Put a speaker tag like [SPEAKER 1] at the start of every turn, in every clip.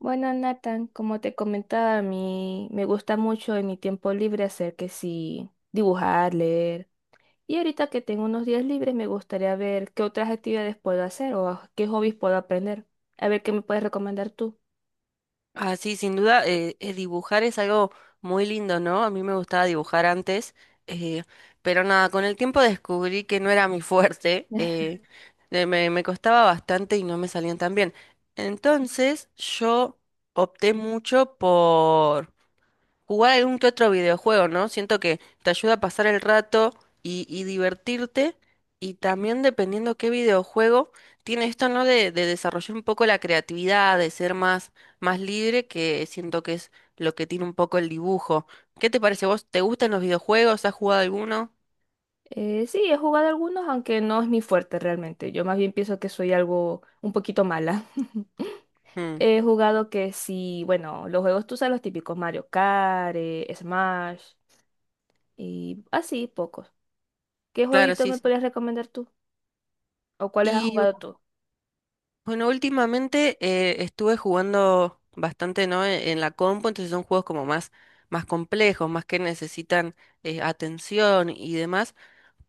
[SPEAKER 1] Bueno, Nathan, como te comentaba, a mí me gusta mucho en mi tiempo libre hacer que sí, dibujar, leer. Y ahorita que tengo unos días libres, me gustaría ver qué otras actividades puedo hacer qué hobbies puedo aprender. A ver qué me puedes recomendar tú.
[SPEAKER 2] Ah, sí, sin duda, dibujar es algo muy lindo, ¿no? A mí me gustaba dibujar antes, eh, pero nada, con el tiempo descubrí que no era mi fuerte, me costaba bastante y no me salían tan bien. Entonces yo opté mucho por jugar algún que otro videojuego, ¿no? Siento que te ayuda a pasar el rato y divertirte. Y también dependiendo qué videojuego, tiene esto, ¿no? De desarrollar un poco la creatividad, de ser más libre, que siento que es lo que tiene un poco el dibujo. ¿Qué te parece? ¿Vos te gustan los videojuegos? ¿Has jugado alguno?
[SPEAKER 1] Sí, he jugado algunos, aunque no es mi fuerte realmente. Yo más bien pienso que soy algo un poquito mala.
[SPEAKER 2] Mm,
[SPEAKER 1] He jugado que sí, bueno, los juegos tú sabes los típicos, Mario Kart, Smash y así, pocos. ¿Qué
[SPEAKER 2] claro,
[SPEAKER 1] jueguito
[SPEAKER 2] sí,
[SPEAKER 1] me podrías recomendar tú? ¿O cuáles has
[SPEAKER 2] sí.
[SPEAKER 1] jugado tú?
[SPEAKER 2] Bueno, últimamente estuve jugando bastante, ¿no? En la compu, entonces son juegos como más complejos, más que necesitan atención y demás.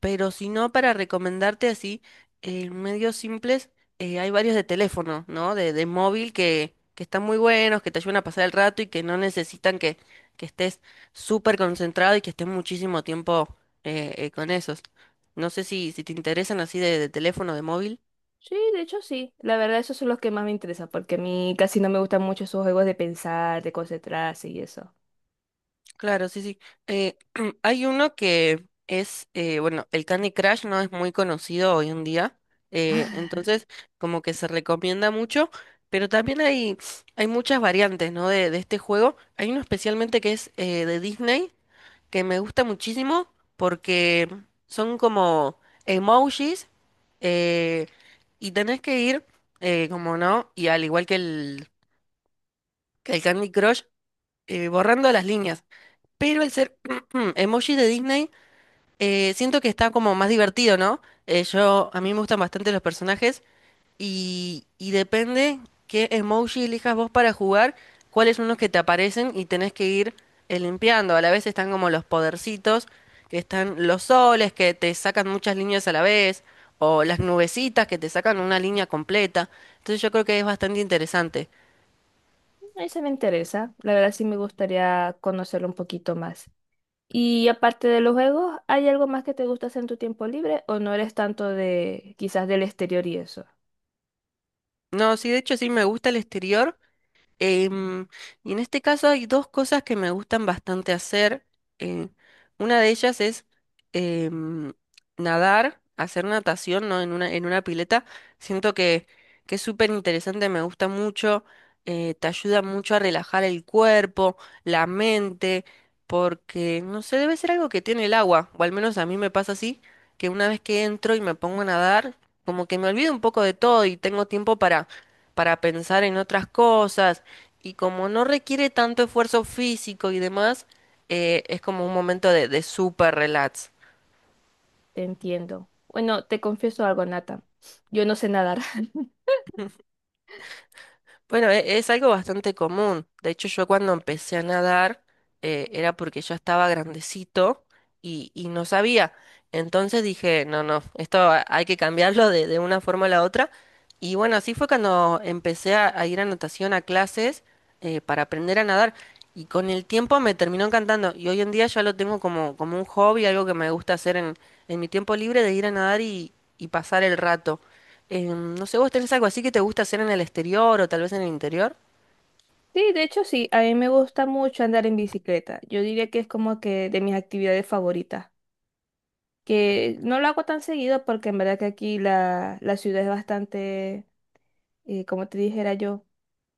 [SPEAKER 2] Pero si no, para recomendarte así, medios simples, hay varios de teléfono, ¿no? De móvil que están muy buenos, que te ayudan a pasar el rato y que no necesitan que estés súper concentrado y que estés muchísimo tiempo con esos. No sé si te interesan así de teléfono, de móvil.
[SPEAKER 1] Sí, de hecho sí. La verdad, esos son los que más me interesan, porque a mí casi no me gustan mucho esos juegos de pensar, de concentrarse y eso.
[SPEAKER 2] Claro, sí, sí. Eh, Hay uno que es, bueno, el Candy Crush no es muy conocido hoy en día, entonces como que se recomienda mucho, pero también hay muchas variantes, ¿no? De este juego. Hay uno especialmente que es de Disney, que me gusta muchísimo porque son como emojis eh, y tenés que ir, como no, y al igual que el Candy Crush, borrando las líneas. Pero el ser emoji de Disney, siento que está como más divertido, ¿no? A mí me gustan bastante los personajes y depende qué emoji elijas vos para jugar, cuáles son los que te aparecen y tenés que ir limpiando. A la vez están como los podercitos, que están los soles, que te sacan muchas líneas a la vez, o las nubecitas que te sacan una línea completa. Entonces yo creo que es bastante interesante.
[SPEAKER 1] Ese me interesa. La verdad, sí me gustaría conocerlo un poquito más. Y aparte de los juegos, ¿hay algo más que te gusta hacer en tu tiempo libre o no eres tanto de quizás del exterior y eso?
[SPEAKER 2] No, sí, de hecho sí me gusta el exterior. Em, y en este caso hay dos cosas que me gustan bastante hacer. eh, una de ellas es em, nadar, hacer natación, ¿no? En una pileta. Siento que es súper interesante, me gusta mucho, te ayuda mucho a relajar el cuerpo, la mente, porque, no sé, debe ser algo que tiene el agua, o al menos a mí me pasa así, que una vez que entro y me pongo a nadar, como que me olvido un poco de todo y tengo tiempo para pensar en otras cosas y como no requiere tanto esfuerzo físico y demás, es como un momento de super relax.
[SPEAKER 1] Te entiendo. Bueno, te confieso algo, Nata. Yo no sé nadar.
[SPEAKER 2] Bueno, es algo bastante común. De hecho, yo cuando empecé a nadar era porque yo estaba grandecito y no sabía. Entonces dije, no, no, esto hay que cambiarlo de una forma a la otra. Y bueno, así fue cuando empecé a ir a natación, a clases para aprender a nadar. Y con el tiempo me terminó encantando. Y hoy en día ya lo tengo como un hobby, algo que me gusta hacer en mi tiempo libre de ir a nadar y pasar el rato. No sé, ¿vos tenés algo así que te gusta hacer en el exterior o tal vez en el interior?
[SPEAKER 1] Sí, de hecho sí, a mí me gusta mucho andar en bicicleta. Yo diría que es como que de mis actividades favoritas, que no lo hago tan seguido porque en verdad que aquí la ciudad es bastante, como te dijera yo,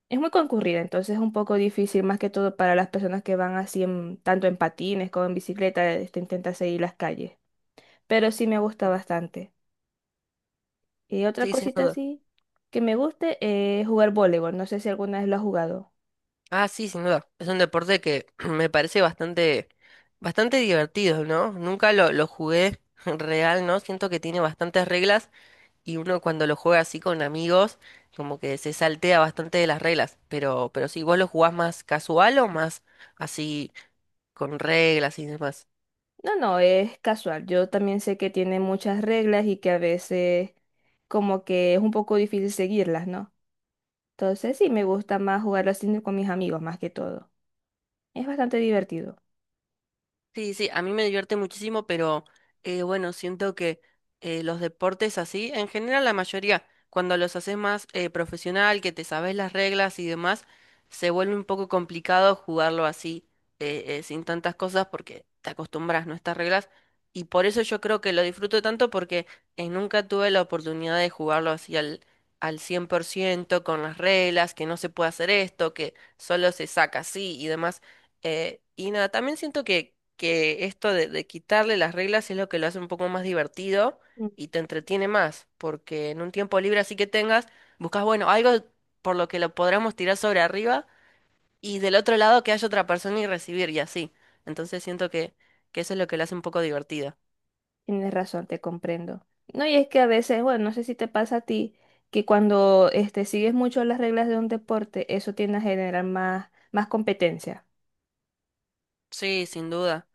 [SPEAKER 1] es muy concurrida, entonces es un poco difícil más que todo para las personas que van así en, tanto en patines como en bicicleta, este, intenta seguir las calles, pero sí me gusta bastante. Y otra
[SPEAKER 2] Sí, sin
[SPEAKER 1] cosita
[SPEAKER 2] duda.
[SPEAKER 1] así que me guste es jugar voleibol, no sé si alguna vez lo has jugado.
[SPEAKER 2] Ah, sí, sin duda. Es un deporte que me parece bastante, bastante divertido, ¿no? Nunca lo jugué real, ¿no? Siento que tiene bastantes reglas y uno cuando lo juega así con amigos, como que se saltea bastante de las reglas. Pero sí, ¿vos lo jugás más casual o más así con reglas y demás?
[SPEAKER 1] No, no, es casual. Yo también sé que tiene muchas reglas y que a veces como que es un poco difícil seguirlas, ¿no? Entonces sí, me gusta más jugarlo así con mis amigos más que todo. Es bastante divertido.
[SPEAKER 2] Sí, sí, a mí me divierte muchísimo, pero bueno, siento que los deportes así, en general la mayoría, cuando los haces más profesional, que te sabes las reglas y demás, se vuelve un poco complicado jugarlo así, sin tantas cosas, porque te acostumbras, ¿no? A estas reglas. Y por eso yo creo que lo disfruto tanto, porque nunca tuve la oportunidad de jugarlo así al 100% con las reglas, que no se puede hacer esto, que solo se saca así y demás. Y nada, también siento que esto de quitarle las reglas es lo que lo hace un poco más divertido
[SPEAKER 1] Mm.
[SPEAKER 2] y te entretiene más, porque en un tiempo libre así que tengas, buscas, bueno, algo por lo que lo podamos tirar sobre arriba y del otro lado que haya otra persona y recibir y así. Entonces siento que eso es lo que lo hace un poco divertido.
[SPEAKER 1] Tienes razón, te comprendo. No, y es que a veces, bueno, no sé si te pasa a ti, que cuando este, sigues mucho las reglas de un deporte, eso tiende a generar más, más competencia.
[SPEAKER 2] Sí, sin duda.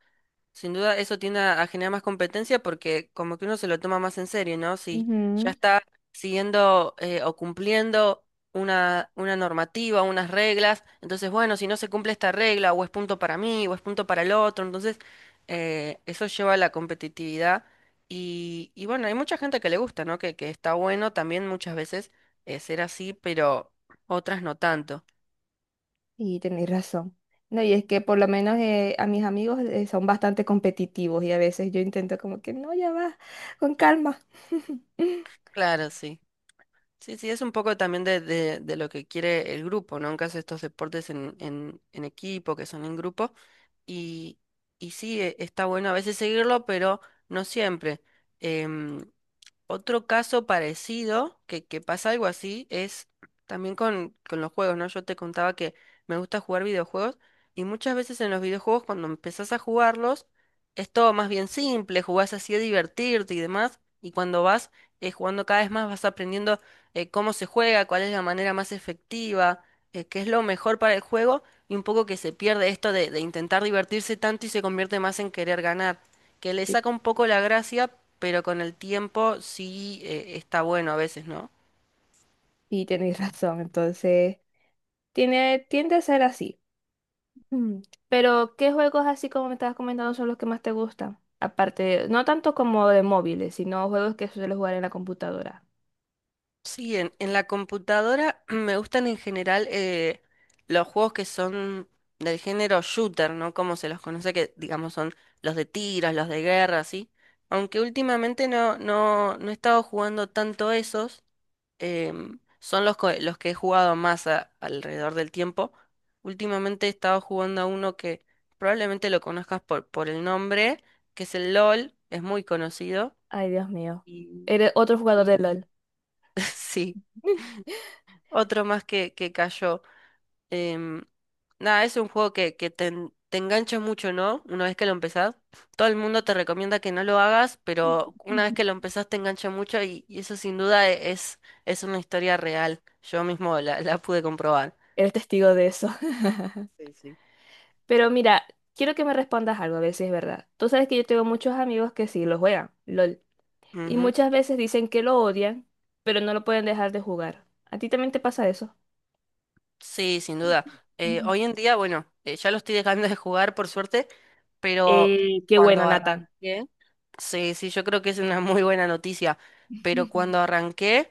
[SPEAKER 2] Sin duda eso tiende a generar más competencia porque como que uno se lo toma más en serio, ¿no? Si ya está siguiendo o cumpliendo una normativa, unas reglas, entonces bueno, si no se cumple esta regla o es punto para mí o es punto para el otro, entonces eso lleva a la competitividad y bueno, hay mucha gente que le gusta, ¿no? Que está bueno también muchas veces ser así, pero otras no tanto.
[SPEAKER 1] Y tenéis razón. No, y es que por lo menos a mis amigos son bastante competitivos y a veces yo intento como que no, ya va, con calma.
[SPEAKER 2] Claro, sí. Sí, sí, es un poco también de lo que quiere el grupo, ¿no? En caso de estos deportes en equipo, que son en grupo, y, y sí, está bueno a veces seguirlo, pero no siempre. Em, Otro caso parecido, que pasa algo así, es también con los juegos, ¿no? Yo te contaba que me gusta jugar videojuegos y muchas veces en los videojuegos cuando empezás a jugarlos es todo más bien simple, jugás así a divertirte y demás, y cuando vas jugando cada vez más vas aprendiendo cómo se juega, cuál es la manera más efectiva, qué es lo mejor para el juego y un poco que se pierde esto de intentar divertirse tanto y se convierte más en querer ganar que le
[SPEAKER 1] Y,
[SPEAKER 2] saca un poco la gracia, pero con el tiempo sí está bueno a veces, ¿no?
[SPEAKER 1] y tenéis razón, entonces tiene, tiende a ser así. Mm. Pero, ¿qué juegos así como me estabas comentando son los que más te gustan? Aparte, no tanto como de móviles, sino juegos que suelo jugar en la computadora.
[SPEAKER 2] Sí, en la computadora me gustan en general los juegos que son del género shooter, ¿no? Como se los conoce, que digamos son los de tiros, los de guerra, ¿sí? Aunque últimamente no he estado jugando tanto esos, son los que he jugado más alrededor del tiempo. Últimamente he estado jugando a uno que probablemente lo conozcas por el nombre, que es el LOL, es muy conocido.
[SPEAKER 1] Ay, Dios mío.
[SPEAKER 2] Y,
[SPEAKER 1] Eres otro jugador de
[SPEAKER 2] y...
[SPEAKER 1] LOL.
[SPEAKER 2] Sí. Otro más que cayó. Em, Nada, es un juego que te engancha mucho, ¿no? Una vez que lo empezás. Todo el mundo te recomienda que no lo hagas, pero una vez que lo empezás te engancha mucho y eso sin duda es una historia real. Yo mismo la pude comprobar.
[SPEAKER 1] Eres testigo de eso.
[SPEAKER 2] Sí, sí.
[SPEAKER 1] Pero mira, quiero que me respondas algo, a ver si es verdad. Tú sabes que yo tengo muchos amigos que sí lo juegan, LOL, y
[SPEAKER 2] Ujú.
[SPEAKER 1] muchas veces dicen que lo odian, pero no lo pueden dejar de jugar. ¿A ti también te pasa eso?
[SPEAKER 2] Sí, sin duda.
[SPEAKER 1] Ujú.
[SPEAKER 2] Hoy en día, bueno, ya lo estoy dejando de jugar por suerte, pero
[SPEAKER 1] Qué
[SPEAKER 2] cuando
[SPEAKER 1] bueno, Nathan.
[SPEAKER 2] arranqué, sí, sí, yo creo que es una muy buena noticia, pero
[SPEAKER 1] Ujú.
[SPEAKER 2] cuando arranqué...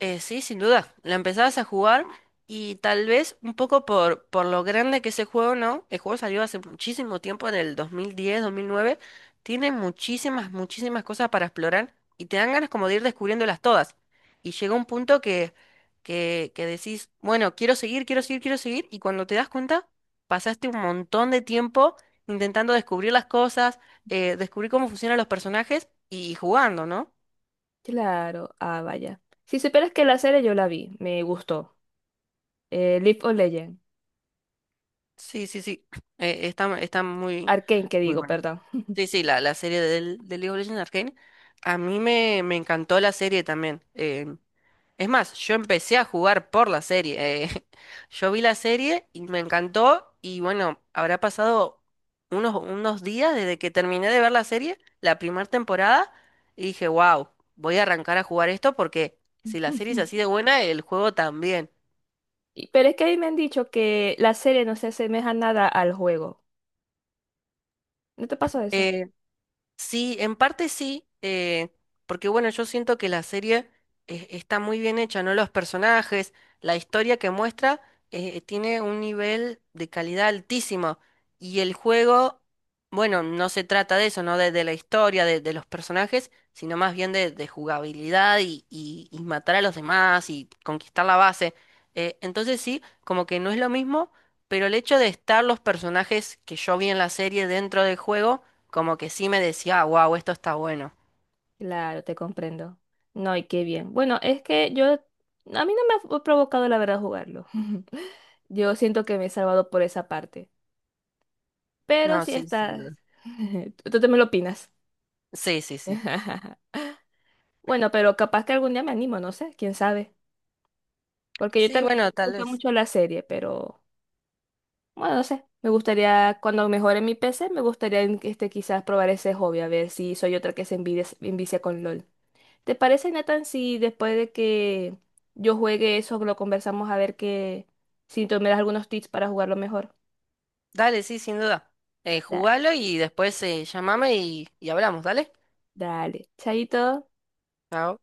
[SPEAKER 2] Sí, sin duda. La empezabas a jugar y tal vez un poco por lo grande que es el juego, ¿no? El juego salió hace muchísimo tiempo, en el 2010, 2009. Tiene muchísimas, muchísimas cosas para explorar y te dan ganas como de ir descubriéndolas todas. Y llega un punto que decís, bueno, quiero seguir, quiero seguir, quiero seguir. Y cuando te das cuenta, pasaste un montón de tiempo intentando descubrir las cosas, descubrir cómo funcionan los personajes y jugando, ¿no?
[SPEAKER 1] Claro, ah, vaya. Si supieras que la serie yo la vi, me gustó. League of Legends,
[SPEAKER 2] Sí, sí, sí. Está muy,
[SPEAKER 1] Arcane, que
[SPEAKER 2] muy
[SPEAKER 1] digo,
[SPEAKER 2] buena.
[SPEAKER 1] perdón.
[SPEAKER 2] Sí, sí, la serie de League of Legends Arcane. A mí me encantó la serie también. Es más, yo empecé a jugar por la serie. Yo vi la serie y me encantó. Y bueno, habrá pasado unos días desde que terminé de ver la serie, la primera temporada, y dije, wow, voy a arrancar a jugar esto porque si la serie es así de buena, el juego también.
[SPEAKER 1] Y- pero es que a mí me han dicho que la serie no se asemeja nada al juego. ¿No te pasó?
[SPEAKER 2] Eh, Sí, en parte sí, porque bueno, yo siento que la serie está muy bien hecha, ¿no? Los personajes, la historia que muestra tiene un nivel de calidad altísimo y el juego, bueno, no se trata de eso, ¿no? De la historia, de los personajes, sino más bien de jugabilidad y matar a los demás y conquistar la base. Entonces sí, como que no es lo mismo, pero el hecho de estar los personajes que yo vi en la serie dentro del juego como que sí me decía, wow, esto está bueno.
[SPEAKER 1] Claro, te comprendo. No, y qué bien. Bueno, es que yo, a mí no me ha provocado la verdad jugarlo. Yo siento que me he salvado por esa parte. Pero
[SPEAKER 2] No,
[SPEAKER 1] si
[SPEAKER 2] sí, sin duda.
[SPEAKER 1] estás, tú también lo opinas.
[SPEAKER 2] Sí, sí, sí.
[SPEAKER 1] Bueno, pero capaz que algún día me animo, no sé, quién sabe. Porque yo
[SPEAKER 2] Sí,
[SPEAKER 1] también
[SPEAKER 2] bueno,
[SPEAKER 1] me
[SPEAKER 2] tal
[SPEAKER 1] gusta
[SPEAKER 2] vez.
[SPEAKER 1] mucho la serie, pero bueno, no sé. Me gustaría, cuando mejore mi PC, me gustaría este, quizás probar ese hobby, a ver si soy otra que se envicia con LOL. ¿Te parece, Nathan, si después de que yo juegue eso lo conversamos a ver que si tú me das algunos tips para jugarlo mejor?
[SPEAKER 2] Dale, sí, sin duda.
[SPEAKER 1] Da-
[SPEAKER 2] Jugalo y después llámame y hablamos, ¿dale?
[SPEAKER 1] dale, chaito.
[SPEAKER 2] Chao.